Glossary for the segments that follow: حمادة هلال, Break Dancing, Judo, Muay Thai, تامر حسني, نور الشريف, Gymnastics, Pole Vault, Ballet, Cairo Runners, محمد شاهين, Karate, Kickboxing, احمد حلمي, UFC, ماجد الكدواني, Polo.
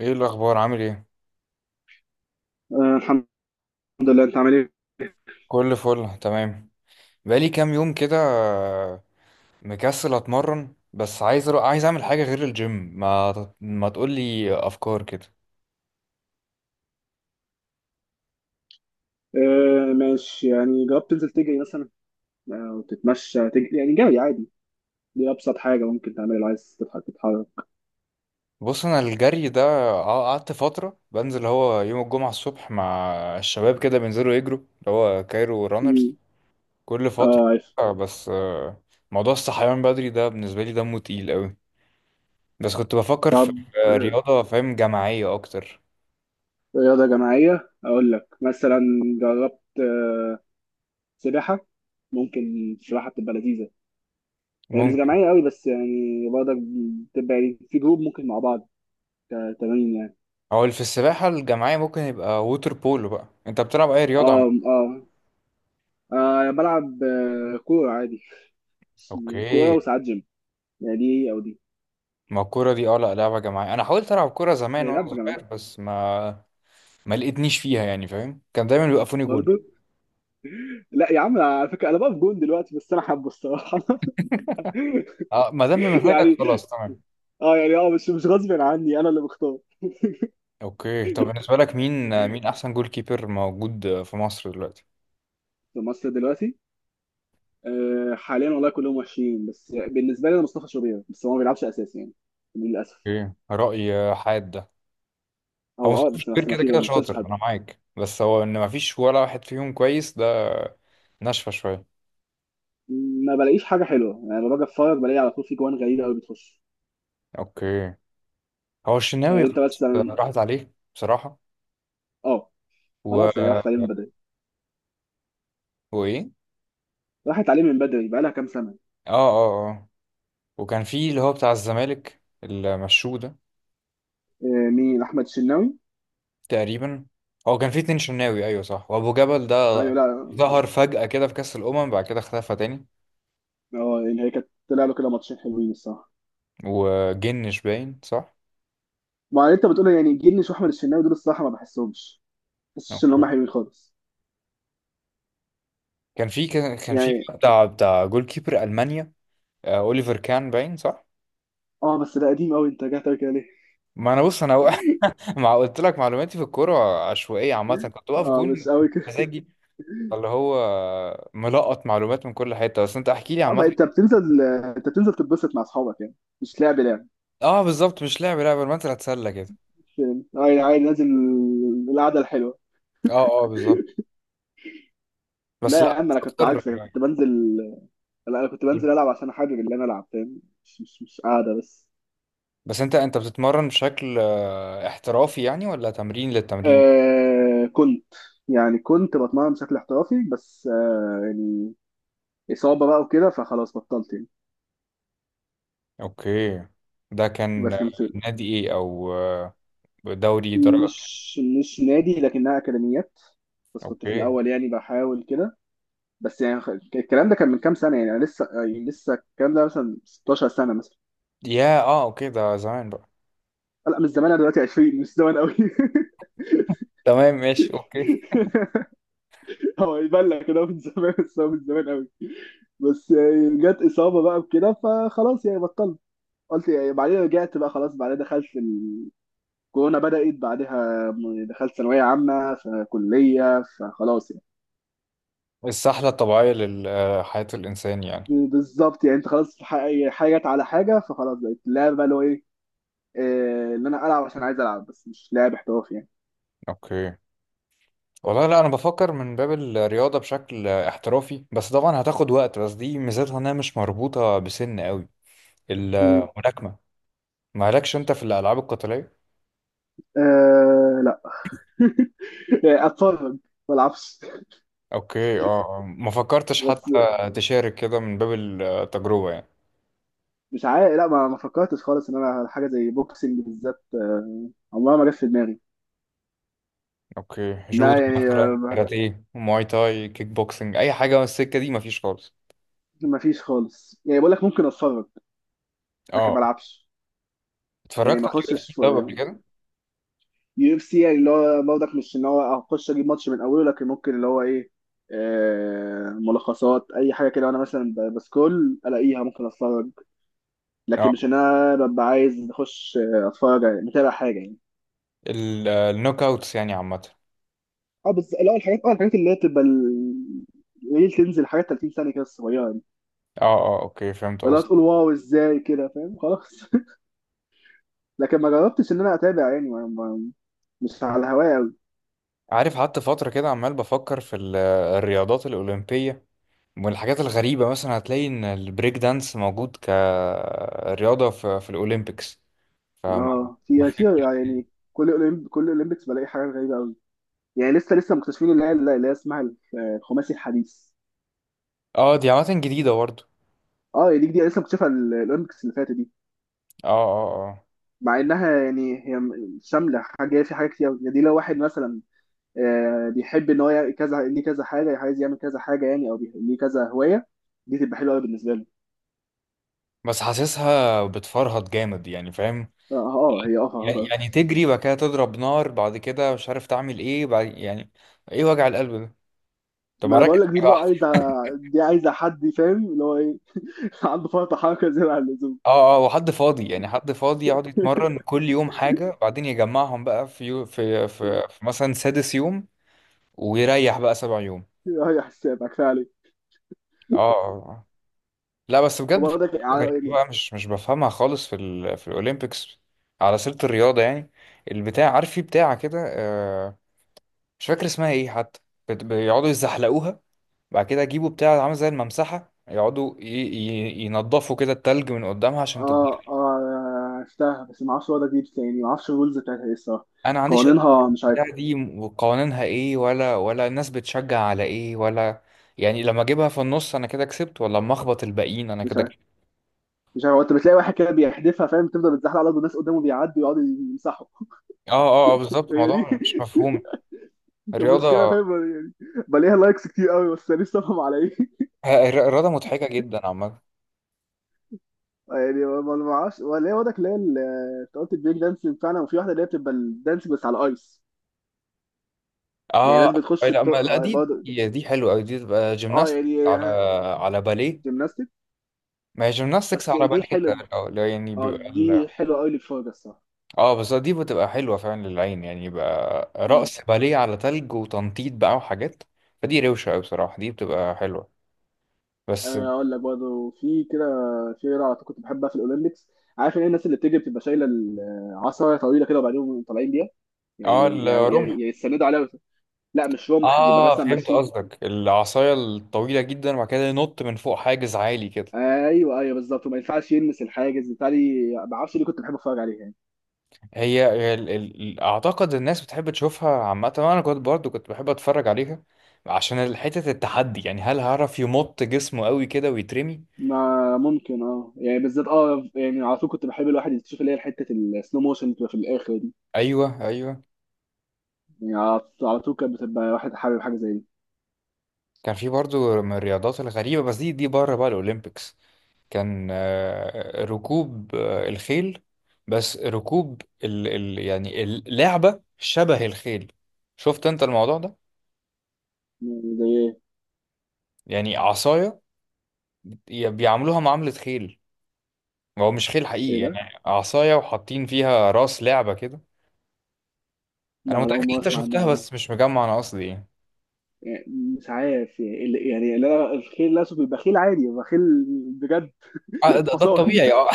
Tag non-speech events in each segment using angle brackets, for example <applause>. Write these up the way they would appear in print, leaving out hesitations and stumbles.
ايه الاخبار، عامل ايه؟ آه الحمد لله، انت عامل ايه؟ كل فل تمام. بقالي كام يوم كده، مكسل اتمرن، بس عايز اعمل حاجه غير الجيم. ما ما تقولي افكار كده. آه ماشي، يعني جربت تنزل تجري مثلا او تتمشى تجري، يعني جري عادي. دي ابسط حاجه ممكن تعملها لو عايز تضحك تتحرك. بص، انا الجري ده، قعدت فتره بنزل، هو يوم الجمعه الصبح مع الشباب كده بينزلوا يجروا اللي هو كايرو رانرز مم. كل فتره. اه عارف. بس موضوع الصحيان بدري ده بالنسبه لي دمه تقيل قوي. بس كنت بفكر في طب في آه، رياضه، فاهم، جماعيه اكتر. رياضه جماعيه اقول لك مثلا، جربت سباحه؟ ممكن السباحه بتبقى لذيذه. يعني مش ممكن. جماعيه قوي، بس يعني برضك بتبقى يعني في جروب ممكن مع بعض تمارين يعني. هو اللي في السباحة الجماعية ممكن يبقى ووتر بولو. بقى انت بتلعب اي رياضة، عم؟ اه اه. بلعب كورة عادي. كورة اوكي. وساعات جيم، يعني دي أو دي. ما الكورة دي، اه، لا لعبة جماعية، انا حاولت العب كورة زمان وانا هيلعب جماعي صغير، بس ما لقيتنيش فيها، يعني فاهم، كان دايما بيوقفوني جول. برضه. لا يا عم، على فكره انا بقف جون دلوقتي، بس انا حابه الصراحه. <laughs> اه، ما دام بمزاجك يعني خلاص تمام. اه، يعني اه مش غصب عني، انا اللي بختار. اوكي، طب بالنسبة لك مين احسن جول كيبر موجود في مصر دلوقتي؟ في مصر دلوقتي؟ آه حاليا والله كلهم وحشين، بس بالنسبه لي انا مصطفى شوبير، بس هو ما بيلعبش اساسي يعني، للاسف. اوكي، رأي حاد ده. او هو اه، مصطفى بس شوبير بس ما كده في، كده ما بشوفش شاطر، حد. انا معاك، بس هو ان ما فيش ولا واحد فيهم كويس، ده ناشفة شوية. ما بلاقيش حاجه حلوه يعني، لما باجي اتفرج بلاقي على طول في جوان غريبه قوي بتخش. اوكي. هو يعني الشناوي انت خلاص مثلا. راحت عليه بصراحة. اه. و. خلاص هي راحت عليه من بدري، وايه. راحت عليه من بدري، بقى لها كام سنه. اه اه اه. وكان في اللي هو بتاع الزمالك اللي مشوه ده. آه، مين احمد الشناوي؟ تقريبا. هو كان في اتنين شناوي، ايوه صح، وابو جبل ده ايوه، لا. ظهر فجأة كده في كأس الأمم، بعد كده اختفى تاني. اه يعني هي كانت طلع له كده ماتشين حلوين الصراحه. وجنش باين صح. ما انت بتقول يعني جنش واحمد الشناوي، دول الصراحه ما بحسهمش، ما بحسش ان اوكي، هم حلوين خالص. كان في يعني بتاع جول كيبر ألمانيا. اوليفر كان باين صح. اه، بس ده قديم قوي، انت جاي تقول كده ليه؟ ما انا، بص انا، <laughs> مع قلت لك معلوماتي في الكوره عشوائيه عامه، كنت بقف اه مش جون قوي كده. مزاجي، اللي هو ملقط معلومات من كل حته. بس انت احكي لي اه عامه. بقى انت بتنزل، انت بتنزل تتبسط مع اصحابك يعني، مش لعب لعب. اه بالظبط، مش لعب لعب، المثل هتسلى كده. مش- اه يعني عادي نازل، القعده الحلوه. اه اه بالظبط، لا بس يا لا عم، انا كنت اكتر. عكسك، كنت بنزل. لا انا كنت بنزل العب عشان حابب اللي انا العب، فاهم؟ مش قاعده بس. بس انت بتتمرن بشكل احترافي، يعني، ولا تمرين للتمرين؟ آه كنت، يعني كنت بتمرن بشكل احترافي، بس آه يعني إصابة بقى وكده، فخلاص بطلت يعني. اوكي، ده كان بس كنت، نادي ايه، او دوري درجة إيه؟ مش نادي، لكنها أكاديميات. بس كنت في اوكي. الأول يعني بحاول كده. بس يعني الكلام ده كان من كام سنة يعني، أنا لسه يعني، لسه الكلام ده مثلا 16 سنة مثلا. يا اه اوكي، ده زمان بقى. لا مش زمان، أنا دلوقتي 20، مش زمان قوي. <laughs> تمام، ماشي، اوكي. هو يبان لك كده من زمان، بس هو من زمان قوي. بس يعني جت إصابة بقى وكده، فخلاص يعني بطلت، قلت يعني بعدين رجعت بقى. خلاص بعدين دخلت، كورونا بدأت بعدها، دخلت ثانوية عامة فكلية، فخلاص يعني. السحلة الطبيعية لحياة الانسان يعني. بالظبط يعني، انت خلاص حاجات على حاجة، فخلاص بقت اللعبة بقى اللي هو ايه، آه، ان انا العب عشان عايز العب، بس مش لاعب احترافي يعني. اوكي. والله لا، انا بفكر من باب الرياضة بشكل احترافي، بس طبعا هتاخد وقت، بس دي ميزتها انها مش مربوطة بسن قوي. مم. الملاكمة. مالكش انت في الألعاب القتالية؟ آه لا. <laughs> اتفرج، ما العبش. اوكي. اه. آه. ما فكرتش حتى بس تشارك كده من باب التجربة يعني. مش عارف، لا ما، فكرتش خالص ان انا حاجة زي بوكسنج بالذات، آه، عمرها ما جت في دماغي. اوكي، جودو لا يعني مثلا، آه، ما، كاراتيه، مواي تاي، كيك بوكسنج، اي حاجة من السكة دي مفيش خالص؟ ما فيش خالص، يعني بقول لك ممكن اتفرج لكن ما اه، العبش. يعني اتفرجت ما على يو اف اخشش سي طب قبل كده؟ يو اف سي، يعني اللي هو برضك مش ان هو هخش اجيب ماتش من اوله، لكن ممكن اللي هو ايه، آه، ملخصات اي حاجه كده، وانا مثلا بسكرول الاقيها ممكن اتفرج، لكن اه، مش ان انا ببقى عايز اخش، آه، اتفرج يعني، متابع حاجه يعني. النوك اوتس يعني عامة. اه بس لا، الحاجات اه الحاجات اللي هي بتبقى قليل، تنزل حاجات 30 ثانيه كده صغيره يعني، اه اه، اوكي، فهمت فلا قصدي. تقول واو ازاي كده، فاهم؟ خلاص. <laughs> لكن ما جربتش ان انا اتابع يعني، مش على الهوايه قوي. عارف، قعدت فترة كده عمال بفكر في الرياضات الأولمبية والحاجات الغريبة، مثلا هتلاقي إن البريك دانس موجود كرياضة في الأولمبيكس. فما اه ما في في في- يعني، كل اولمبيكس بلاقي حاجات غريبه قوي. يعني لسه، لسه مكتشفين اللي هي، اللي هي اسمها الخماسي الحديث. اه، دي عامة جديدة برضه. اه يعني دي جديده، لسه مكتشفه الاولمبيكس اللي فاتت دي. اه اه اه. مع انها يعني هي شامله حاجه، في حاجات كتير أوي. يعني دي لو واحد مثلا آه، بيحب ان هو يعمل كذا، ليه كذا حاجه عايز يعمل كذا حاجه يعني، او ليه كذا هوايه، دي تبقى حلوه قوي بالنسبه له. بس حاسسها بتفرهد جامد يعني، فاهم، اه آه، آه، هي اه يعني فرهضه. يعني تجري بعد كده تضرب نار بعد كده مش عارف تعمل ايه بعد، يعني ايه وجع القلب ده؟ طب ما ما انا ركز بقول في لك، حاجة دي بقى واحدة. عايزه، دي عايزه حد فاهم اللي هو ايه، <laughs> عنده فرط حركه زياده عن اللزوم. اه اه، وحد فاضي يعني، حد فاضي يقعد يتمرن <laughs> كل يوم حاجة، بعدين يجمعهم بقى في يو في في, في مثلا سادس يوم، ويريح بقى سبع يوم. هي حسابك فعلا. اه، آه، آه. لا بس بجد، في وبرضك حاجة غريبة يعني بقى مش بفهمها خالص في الأولمبيكس، على سيرة الرياضة يعني. البتاع، عارف، في بتاعة كده، مش فاكر اسمها ايه حتى، بيقعدوا يزحلقوها، بعد كده يجيبوا بتاع عامل زي الممسحة يقعدوا ينضفوا كده التلج من قدامها عشان اه تتزحلق. اه. عرفتها، بس ما اعرفش وضع دي تاني، ما اعرفش الرولز بتاعتها ايه الصراحه، أنا ما عنديش أي قوانينها مش بتاع عارف. دي، وقوانينها ايه، ولا الناس بتشجع على ايه، ولا يعني لما اجيبها في النص انا كده كسبت، ولا لما اخبط الباقيين انا مش كده عارف كسبت. مش عارف انت بتلاقي واحد كده بيحدفها فاهم، تفضل بتزحلق على الارض والناس قدامه بيعدوا يقعدوا يمسحوا. اه اه، آه، بالظبط، <laughs> هي دي. الموضوع مش مفهوم. <laughs> المشكله الرياضة فاهم يعني، بلاقيها لايكس كتير قوي، بس انا لسه فاهم على ايه. <laughs> الرياضة مضحكة جدا عامة. يعني ما ما اعرفش، ولا هي وضعك اللي هي انت قلت البريك دانسينج فعلا، وفي واحده اللي هي بتبقى الدانسينج بس على الايس. يعني اه ناس بتخش لا، ما، لا، اه دي برضه دي دي حلوة أوي، دي تبقى اه. جيمناستكس يعني على باليه. جيمناستيك، ما هي جيمناستكس بس على دي باليه، ده حلوه. لا لا، يعني اه بيبقى دي حلوه قوي للفرجه الصراحه. اه بس دي بتبقى حلوة فعلا للعين، يعني يبقى رقص باليه على تلج وتنطيط بقى وحاجات، فدي روشة أوي بصراحة، دي بتبقى حلوة بس. آه، اقول لك برضه، في كده شيرة على طول كنت بحبها في الاولمبيكس، عارف ان هي الناس اللي بتيجي بتبقى شايله العصايه طويله كده، وبعدين طالعين بيها اه، يعني، يعني الرمح. يستندوا عليها. لا مش رمح، بيبقى اه، مثلا فهمت ماشيين. قصدك، العصاية الطويلة جدا وبعد كده ينط من فوق حاجز عالي كده. ايوه ايوه بالظبط، وما ينفعش يلمس الحاجز، بالتالي ما اعرفش ليه كنت بحب اتفرج عليها يعني. هي ال... ال... ال- اعتقد الناس بتحب تشوفها عامه، وانا كنت برضو بحب اتفرج عليها عشان حته التحدي، يعني هل هعرف يمط جسمه قوي كده ويترمي. ما ممكن اه، يعني بالذات اه، يعني على طول كنت بحب الواحد يشوف اللي هي حته السلو موشن بتبقى في الاخر دي. ايوه ايوه. يعني على طول كانت بتبقى واحد حابب حاجه زي دي. كان في برضو من الرياضات الغريبه، بس دي بره بقى الاولمبيكس، كان ركوب الخيل، بس ركوب يعني اللعبه شبه الخيل. شفت انت الموضوع ده؟ يعني زي ايه؟ يعني عصايه بيعاملوها معامله خيل، هو مش خيل حقيقي، ايه ده؟ يعني عصاية وحاطين فيها راس لعبة كده. أنا لا انا متأكد اول إن مره أنت اسمع شفتها عنها دي. بس مش مجمع أنا قصدي إيه. يعني مش عارف يعني يعني الخيل الاسود بيبقى خيل عادي، بيبقى خيل بجد، آه، ده حصان. الطبيعي، أه.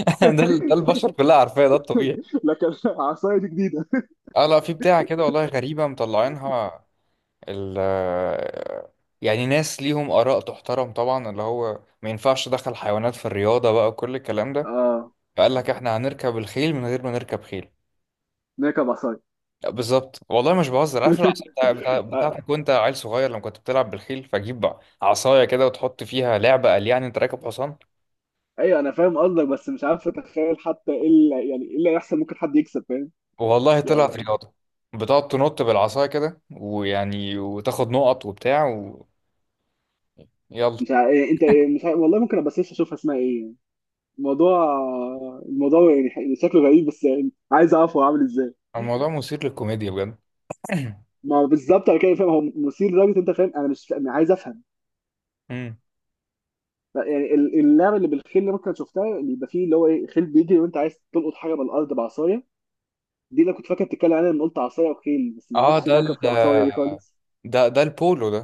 <laughs> ده <laughs> البشر كلها عارفاه، ده الطبيعي. لكن عصايه دي جديده. أه لا، في بتاعة كده، والله غريبة مطلعينها. ال يعني ناس ليهم آراء تحترم طبعا اللي هو ما ينفعش دخل حيوانات في الرياضة بقى، وكل الكلام ده، اه فقال لك إحنا هنركب الخيل من غير ما نركب خيل. نركب عصايه. بالظبط، والله مش بهزر، عارف العصا بتاع <laughs> آه، بتاعتك وانت عيل صغير لما كنت بتلعب بالخيل؟ فجيب عصايه كده وتحط فيها لعبه، قال يعني انت راكب حصان. ايوه انا فاهم قصدك، بس مش عارف اتخيل حتى ايه اللي، يعني ايه اللي هيحصل، ممكن حد يكسب فاهم والله طلعت يعني. رياضه، بتقعد تنط بالعصايه كده، ويعني وتاخد نقط وبتاع. ويلا. مش ع... يعني انت، مش ع... والله ممكن ابقى سيرش اشوفها اسمها ايه يعني. الموضوع، الموضوع يعني شكله غريب، بس يعني عايز اعرف هو عامل ازاي. الموضوع مثير للكوميديا بجد. ما هو بالظبط، انا كده فاهم هو مثير لدرجه، انت فاهم انا مش أنا عايز افهم. امم. لا يعني اللعبه اللي بالخيل اللي ممكن شفتها، اللي يبقى فيه اللي هو ايه، خيل بيجري وانت عايز تلقط حاجه من الارض بعصايه. دي اللي كنت فاكر بتتكلم عنها لما قلت عصايه وخيل، بس ما اه، اعرفش ده انها كانت في العصايه دي خالص. ده البولو ده.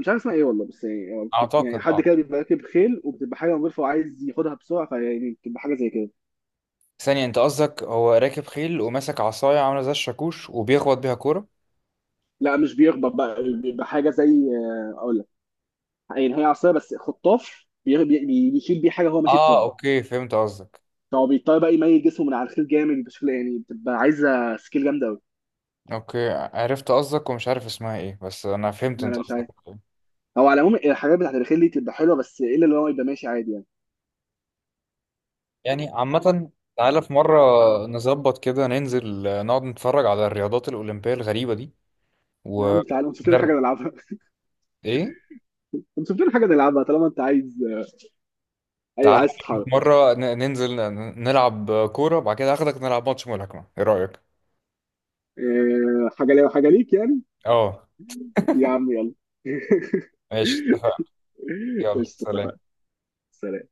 مش عارف اسمها ايه والله، بس يعني هو يعني اعتقد، حد اه. كده بيبقى راكب خيل، وبتبقى حاجه مغلفه وعايز ياخدها بسرعه، فيعني بتبقى حاجه زي كده. ثانيه، انت قصدك هو راكب خيل وماسك عصايه عامله زي الشاكوش وبيخبط بيها كوره؟ لا مش بيخبط بقى، بيبقى حاجه زي، آه، اقول لك، يعني هي عصايه بس خطاف، بيشيل بيه حاجه هو ماشي اه بسرعه. اوكي، فهمت قصدك. فهو بيضطر بقى يميل جسمه من على الخيل جامد بشكل يعني، بتبقى عايزه سكيل جامده قوي. اوكي، عرفت قصدك ومش عارف اسمها ايه، بس انا فهمت لا انت لا مش قصدك عارف. إيه. هو على العموم الحاجات بتاعت الخيل دي تبقى حلوه، بس الا اللي هو يبقى ماشي عادي يعني. يعني عامة، تعالى في مرة نظبط كده ننزل، نقعد نتفرج على الرياضات الأولمبية الغريبة دي. يا و عم تعالى نشوف لنا حاجه ندرب- نلعبها. ايه، <laughs> نشوف لنا حاجه نلعبها طالما انت عايز، تعالى عايز في تتحرك. مرة ننزل نلعب كورة، بعد كده هاخدك نلعب ماتش ملاكمة، ايه رأيك؟ إيه، حاجه ليا وحاجه ليك يعني. اه يا عم يلا. ماشي، اتفقنا. <laughs> يلا قشطة، سلام. اتفقنا. سلام.